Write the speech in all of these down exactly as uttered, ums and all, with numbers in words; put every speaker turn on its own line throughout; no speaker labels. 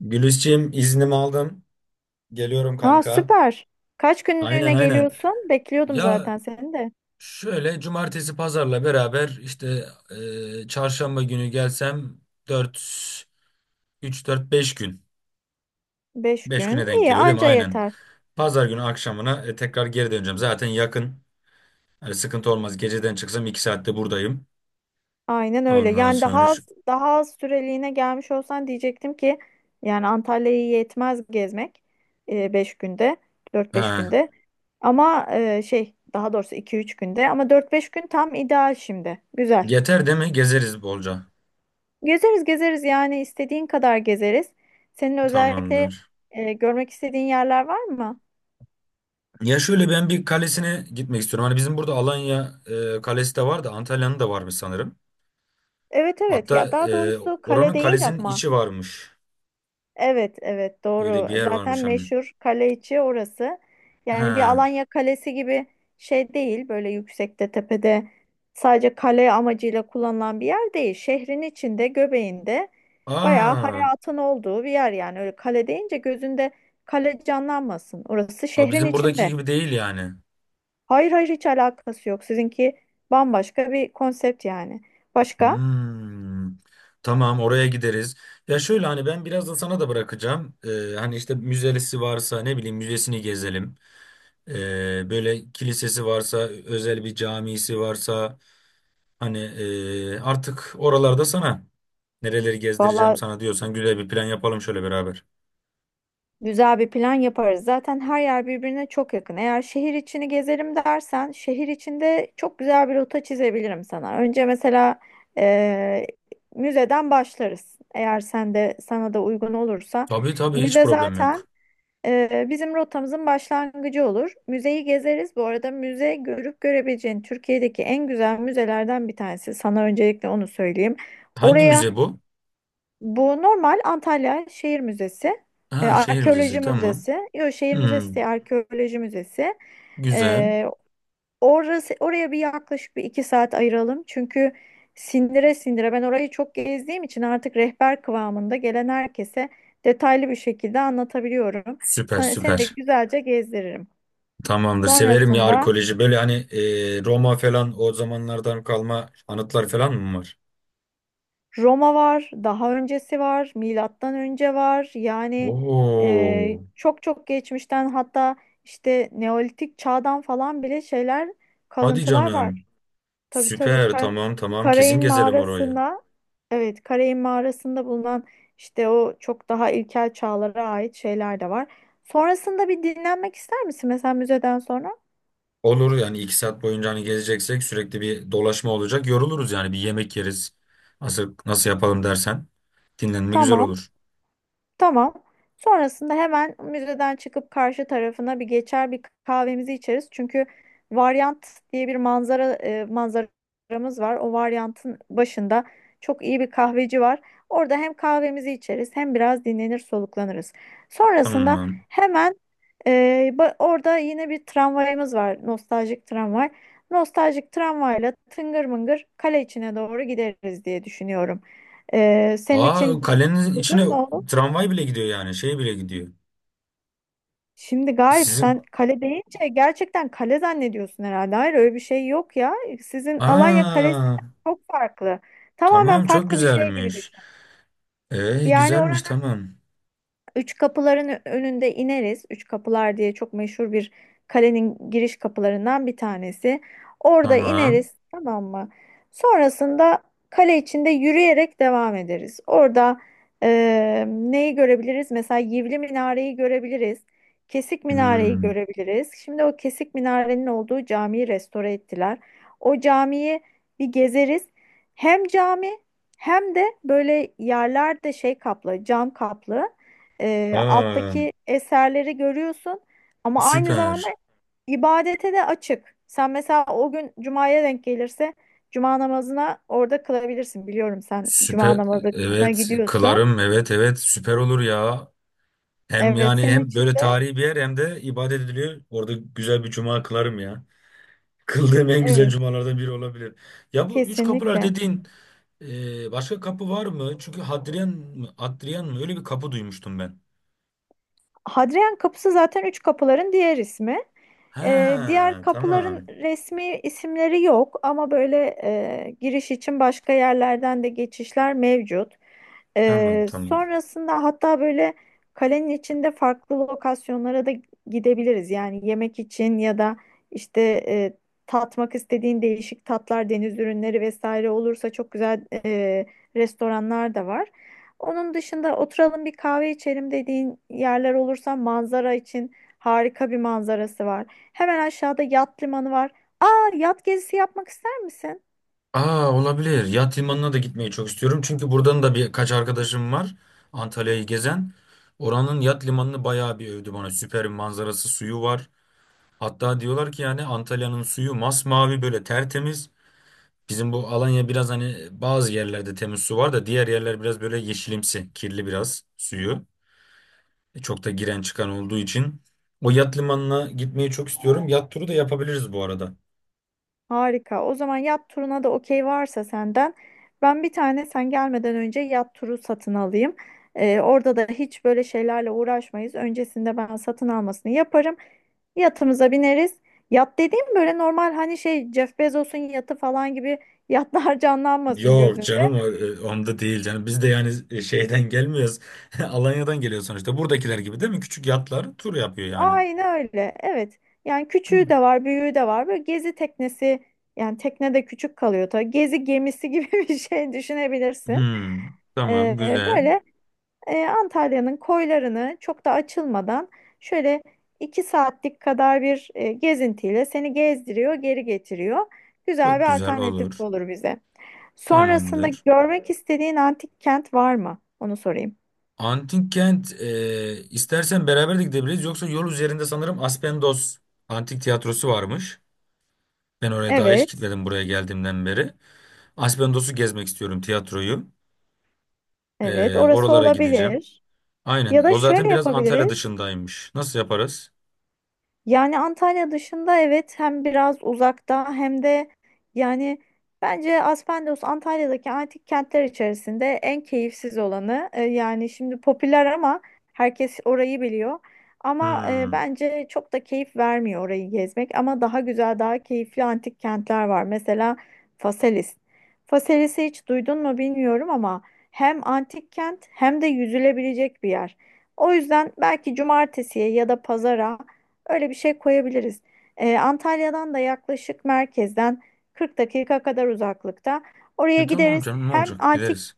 Gülisçiğim iznimi aldım. Geliyorum
Aa,
kanka.
süper. Kaç
Aynen
günlüğüne
aynen.
geliyorsun? Bekliyordum
Ya
zaten seni de.
şöyle cumartesi pazarla beraber işte e, çarşamba günü gelsem dört üç dört beş gün.
Beş
beş
gün.
güne denk
İyi
geliyor değil mi?
anca
Aynen.
yeter.
Pazar günü akşamına e, tekrar geri döneceğim. Zaten yakın. Hani sıkıntı olmaz. Geceden çıksam iki saatte buradayım.
Aynen öyle.
Ondan
Yani daha
sonra şu-
az, daha az süreliğine gelmiş olsan diyecektim ki yani Antalya'yı yetmez gezmek. E, beş günde. Dört beş
ha,
günde. Ama e, şey, daha doğrusu iki üç günde. Ama dört beş gün tam ideal şimdi. Güzel.
yeter değil mi? Gezeriz bolca.
Gezeriz gezeriz, yani istediğin kadar gezeriz. Senin özellikle
Tamamdır.
e, görmek istediğin yerler var mı?
Ya şöyle ben bir kalesine gitmek istiyorum. Hani bizim burada Alanya e, kalesi de var da Antalya'nın da varmış sanırım.
Evet, evet.
Hatta
Ya, daha
e,
doğrusu kale
oranın
değil
kalesinin
ama
içi varmış.
evet, evet,
Öyle
doğru.
bir yer
Zaten
varmış hani.
meşhur kale içi orası. Yani bir
Ha.
Alanya Kalesi gibi şey değil, böyle yüksekte tepede, sadece kale amacıyla kullanılan bir yer değil. Şehrin içinde, göbeğinde, bayağı
Aa.
hayatın olduğu bir yer. Yani öyle kale deyince gözünde kale canlanmasın, orası
Ha,
şehrin
bizim buradaki
içinde.
gibi değil yani.
Hayır, hayır, hiç alakası yok sizinki. Bambaşka bir konsept yani. Başka?
Hmm. Tamam oraya gideriz. Ya şöyle hani ben biraz da sana da bırakacağım. E, hani işte müzesi varsa ne bileyim müzesini gezelim. E, böyle kilisesi varsa özel bir camisi varsa hani e, artık oralarda sana. Nereleri gezdireceğim
Vallahi,
sana diyorsan güzel bir plan yapalım şöyle beraber.
güzel bir plan yaparız. Zaten her yer birbirine çok yakın. Eğer şehir içini gezerim dersen, şehir içinde çok güzel bir rota çizebilirim sana. Önce mesela eee, müzeden başlarız. Eğer sen de, sana da uygun olursa,
Tabii tabii hiç
müze
problem
zaten
yok.
eee, bizim rotamızın başlangıcı olur. Müzeyi gezeriz. Bu arada müze, görüp görebileceğin Türkiye'deki en güzel müzelerden bir tanesi. Sana öncelikle onu söyleyeyim.
Hangi
Oraya,
müze bu?
bu normal Antalya Şehir Müzesi, e,
Ha şehir müzesi
Arkeoloji
tamam.
Müzesi, yok, Şehir Müzesi
Hmm,
değil, Arkeoloji Müzesi.
güzel.
E, orası, oraya bir yaklaşık bir iki saat ayıralım. Çünkü sindire sindire ben orayı çok gezdiğim için artık rehber kıvamında, gelen herkese detaylı bir şekilde anlatabiliyorum.
Süper
Sen, seni de
süper.
güzelce gezdiririm.
Tamamdır. Severim ya
Sonrasında
arkeoloji. Böyle hani e, Roma falan o zamanlardan kalma anıtlar falan mı var?
Roma var, daha öncesi var, milattan önce var. Yani e,
Oo.
çok çok geçmişten, hatta işte Neolitik çağdan falan bile şeyler,
Hadi
kalıntılar
canım.
var. Tabii tabii.
Süper
Ka-
tamam tamam kesin
Karayın
gezelim orayı.
mağarasında, evet, Karayın mağarasında bulunan işte o çok daha ilkel çağlara ait şeyler de var. Sonrasında bir dinlenmek ister misin mesela müzeden sonra?
Olur yani iki saat boyunca hani gezeceksek sürekli bir dolaşma olacak. Yoruluruz yani bir yemek yeriz. Nasıl, nasıl yapalım dersen dinlenme güzel
Tamam.
olur.
Tamam. Sonrasında hemen müzeden çıkıp karşı tarafına bir geçer, bir kahvemizi içeriz. Çünkü varyant diye bir manzara, e, manzaramız var. O varyantın başında çok iyi bir kahveci var. Orada hem kahvemizi içeriz, hem biraz dinlenir soluklanırız. Sonrasında
Tamam.
hemen e, ba- orada yine bir tramvayımız var. Nostaljik tramvay. Nostaljik tramvayla tıngır mıngır kale içine doğru gideriz diye düşünüyorum. E, senin
Aa
için
kalenin içine
uygun mu?
tramvay bile gidiyor yani şey bile gidiyor.
Şimdi Galip,
Sizin
sen kale deyince gerçekten kale zannediyorsun herhalde. Hayır, öyle bir şey yok ya. Sizin Alanya Kalesi
aa
çok farklı. Tamamen
tamam çok
farklı bir şey gibi
güzelmiş.
düşün.
Ee
Yani
güzelmiş
oranın
tamam.
Üç Kapıların önünde ineriz. Üç Kapılar diye çok meşhur bir, kalenin giriş kapılarından bir tanesi. Orada
Tamam.
ineriz, tamam mı? Sonrasında kale içinde yürüyerek devam ederiz. Orada e, neyi görebiliriz? Mesela Yivli Minare'yi görebiliriz. Kesik Minare'yi
Hmm.
görebiliriz. Şimdi o Kesik Minare'nin olduğu camiyi restore ettiler. O camiyi bir gezeriz. Hem cami hem de böyle yerlerde şey kaplı, cam kaplı, e,
Aa
alttaki eserleri görüyorsun, ama aynı zamanda
süper.
ibadete de açık. Sen mesela o gün cumaya denk gelirse, cuma namazına orada kılabilirsin. Biliyorum, sen cuma
Süper
namazına
evet
gidiyorsun.
kılarım evet evet süper olur ya. Hem
Evet,
yani
senin
hem
için
böyle
de
tarihi bir yer hem de ibadet ediliyor. Orada güzel bir cuma kılarım ya. Kıldığım en güzel
evet,
cumalardan biri olabilir. Ya bu üç kapılar
kesinlikle.
dediğin e, başka kapı var mı? Çünkü Hadrian mı? Hadrian mı? Öyle bir kapı duymuştum ben.
Hadrian kapısı zaten Üç Kapıların diğer ismi. Ee, diğer
Ha
kapıların
tamam.
resmi isimleri yok ama böyle e, giriş için başka yerlerden de geçişler mevcut.
Tamam
Ee,
tamam.
sonrasında hatta böyle kalenin içinde farklı lokasyonlara da gidebiliriz. Yani yemek için ya da işte e, tatmak istediğin değişik tatlar, deniz ürünleri vesaire olursa çok güzel e, restoranlar da var. Onun dışında oturalım bir kahve içelim dediğin yerler olursa, manzara için harika bir manzarası var. Hemen aşağıda yat limanı var. Aa, yat gezisi yapmak ister misin?
Aa olabilir. Yat limanına da gitmeyi çok istiyorum. Çünkü buradan da birkaç arkadaşım var. Antalya'yı gezen. Oranın yat limanını bayağı bir övdü bana. Süper bir manzarası, suyu var. Hatta diyorlar ki yani Antalya'nın suyu masmavi böyle tertemiz. Bizim bu Alanya biraz hani bazı yerlerde temiz su var da diğer yerler biraz böyle yeşilimsi, kirli biraz suyu. E, çok da giren çıkan olduğu için. O yat limanına gitmeyi çok istiyorum. Yat turu da yapabiliriz bu arada.
Harika. O zaman yat turuna da okey varsa senden, ben bir tane sen gelmeden önce yat turu satın alayım. Ee, orada da hiç böyle şeylerle uğraşmayız. Öncesinde ben satın almasını yaparım. Yatımıza bineriz. Yat dediğim böyle normal, hani şey Jeff Bezos'un yatı falan gibi yatlar canlanmasın.
Yok canım o- e, onda değil canım. Biz de yani e, şeyden gelmiyoruz. Alanya'dan geliyor sonuçta. Buradakiler gibi değil mi? Küçük yatlar tur yapıyor yani.
Aynen öyle. Evet. Yani küçüğü
Hmm.
de var, büyüğü de var. Böyle gezi teknesi, yani tekne de küçük kalıyor tabii. Gezi gemisi gibi bir şey düşünebilirsin.
Hmm, tamam
Ee,
güzel.
böyle e, Antalya'nın koylarını çok da açılmadan, şöyle iki saatlik kadar bir e, gezintiyle seni gezdiriyor, geri getiriyor. Güzel
Çok
bir
güzel
alternatif
olur.
olur bize. Sonrasında
Tamamdır.
görmek istediğin antik kent var mı? Onu sorayım.
Antik kent e, istersen beraber de gidebiliriz. Yoksa yol üzerinde sanırım Aspendos Antik Tiyatrosu varmış. Ben oraya daha hiç
Evet,
gitmedim buraya geldiğimden beri. Aspendos'u gezmek istiyorum tiyatroyu.
evet.
E,
Orası
oralara gideceğim.
olabilir. Ya
Aynen.
da
O
şöyle
zaten biraz Antalya
yapabiliriz.
dışındaymış. Nasıl yaparız?
Yani Antalya dışında, evet, hem biraz uzakta hem de, yani bence Aspendos Antalya'daki antik kentler içerisinde en keyifsiz olanı. E, yani şimdi popüler ama herkes orayı biliyor. Ama e,
Hmm.
bence çok da keyif vermiyor orayı gezmek. Ama daha güzel, daha keyifli antik kentler var. Mesela Faselis. Faselis'i hiç duydun mu bilmiyorum ama hem antik kent hem de yüzülebilecek bir yer. O yüzden belki cumartesiye ya da pazara öyle bir şey koyabiliriz. Ee, Antalya'dan da yaklaşık merkezden kırk dakika kadar uzaklıkta. Oraya
E, tamam
gideriz.
canım ne
Hem
olacak
antik,
gideriz.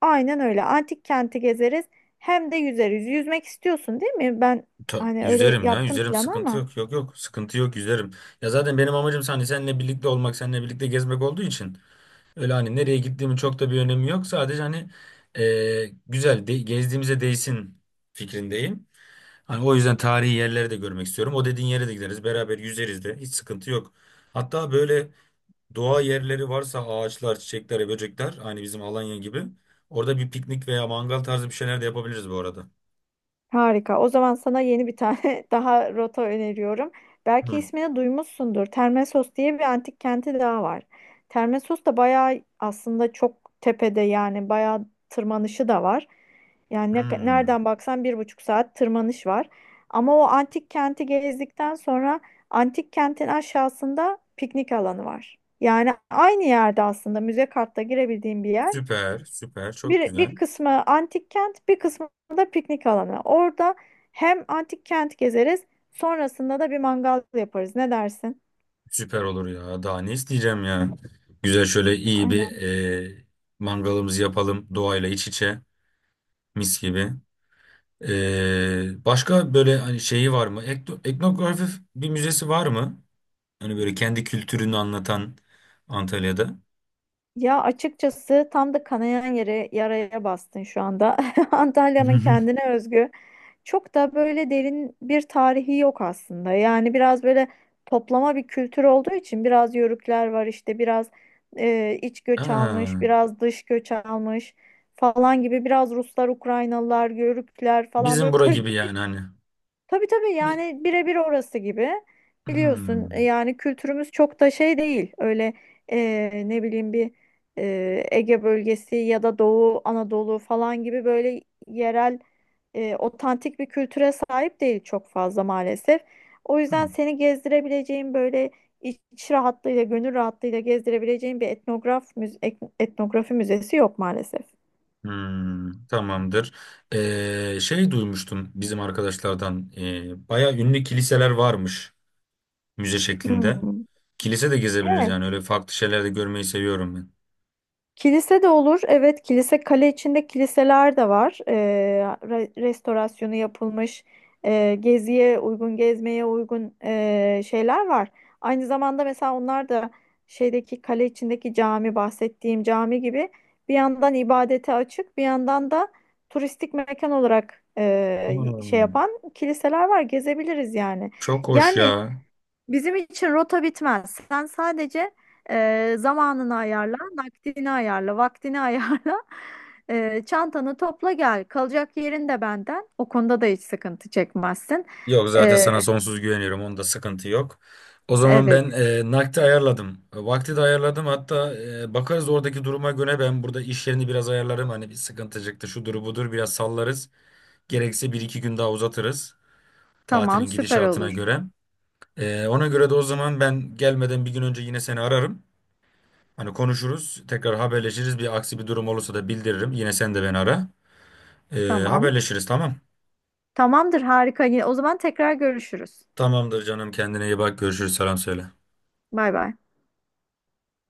aynen öyle. Antik kenti gezeriz. Hem de yüzeriz. Yüzmek istiyorsun, değil mi? Ben
Ta-
hani öyle
yüzerim ya
yaptım
yüzerim
planı
sıkıntı
ama.
yok yok yok sıkıntı yok yüzerim. Ya zaten benim amacım hani seninle birlikte olmak seninle birlikte gezmek olduğu için. Öyle hani nereye gittiğimin çok da bir önemi yok. Sadece hani e, güzel de, gezdiğimize değsin fikrindeyim. Hani o yüzden tarihi yerleri de görmek istiyorum. O dediğin yere de gideriz. Beraber yüzeriz de. Hiç sıkıntı yok. Hatta böyle doğa yerleri varsa ağaçlar, çiçekler, böcekler aynı bizim Alanya gibi. Orada bir piknik veya mangal tarzı bir şeyler de yapabiliriz bu arada.
Harika. O zaman sana yeni bir tane daha rota öneriyorum. Belki
Hı.
ismini duymuşsundur. Termesos diye bir antik kenti daha var. Termesos da bayağı, aslında çok tepede, yani bayağı tırmanışı da var. Yani ne-
Hmm.
nereden baksan bir buçuk saat tırmanış var. Ama o antik kenti gezdikten sonra, antik kentin aşağısında piknik alanı var. Yani aynı yerde, aslında müze kartla girebildiğim bir yer.
Süper, süper. Çok
Bir,
güzel.
bir kısmı antik kent, bir kısmı da piknik alanı. Orada hem antik kent gezeriz, sonrasında da bir mangal yaparız. Ne dersin?
Süper olur ya. Daha ne isteyeceğim ya. Güzel şöyle iyi bir e, mangalımızı yapalım. Doğayla iç içe. Mis gibi. E, başka böyle hani şeyi var mı? Ekno, etnografi bir müzesi var mı? Hani böyle kendi kültürünü anlatan Antalya'da.
Ya açıkçası tam da kanayan yere, yaraya bastın şu anda. Antalya'nın kendine özgü çok da böyle derin bir tarihi yok aslında. Yani biraz böyle toplama bir kültür olduğu için, biraz yörükler var, işte biraz e, iç göç almış,
Aa,
biraz dış göç almış falan gibi, biraz Ruslar, Ukraynalılar, Yörükler falan
bizim
böyle.
bura gibi yani hani.
Tabii tabii,
Bir,
yani birebir orası gibi. Biliyorsun, e,
hmm.
yani kültürümüz çok da şey değil, öyle eee, ne bileyim bir eee, Ege bölgesi ya da Doğu Anadolu falan gibi böyle yerel, eee, otantik bir kültüre sahip değil çok fazla maalesef. O yüzden seni gezdirebileceğim böyle, iç rahatlığıyla, gönül rahatlığıyla gezdirebileceğim bir etnograf müze- etnografi müzesi yok maalesef.
Hmm, tamamdır. E, şey duymuştum bizim arkadaşlardan. E, baya ünlü kiliseler varmış. Müze şeklinde.
Hmm.
Kilise de gezebiliriz yani
Evet.
öyle farklı şeyler de görmeyi seviyorum ben.
Kilise de olur. Evet, kilise, kale içinde kiliseler de var. Ee, re- restorasyonu yapılmış, e, geziye uygun, gezmeye uygun e, şeyler var. Aynı zamanda mesela onlar da şeydeki kale içindeki cami, bahsettiğim cami gibi, bir yandan ibadete açık, bir yandan da turistik mekan olarak e, şey
Hmm,
yapan kiliseler var. Gezebiliriz yani.
çok hoş
Yani.
ya.
Bizim için rota bitmez. Sen sadece e, zamanını ayarla, nakdini ayarla, vaktini ayarla. E, çantanı topla gel. Kalacak yerin de benden. O konuda da hiç sıkıntı çekmezsin.
Yok zaten
E,
sana sonsuz güveniyorum. Onda sıkıntı yok. O zaman
evet.
ben e, nakdi ayarladım. E, vakti de ayarladım. Hatta e, bakarız oradaki duruma göre ben burada iş yerini biraz ayarlarım. Hani bir sıkıntı çıktı şudur budur biraz sallarız. Gerekse bir iki gün daha uzatırız. Tatilin
Tamam, süper
gidişatına
olur.
göre. E, ona göre de o zaman ben gelmeden bir gün önce yine seni ararım. Hani konuşuruz, tekrar haberleşiriz. Bir aksi bir durum olursa da bildiririm. Yine sen de beni ara. Ee,
Tamam.
haberleşiriz tamam.
Tamamdır, harika. Yine, o zaman tekrar görüşürüz.
Tamamdır canım kendine iyi bak. Görüşürüz selam söyle.
Bay bay.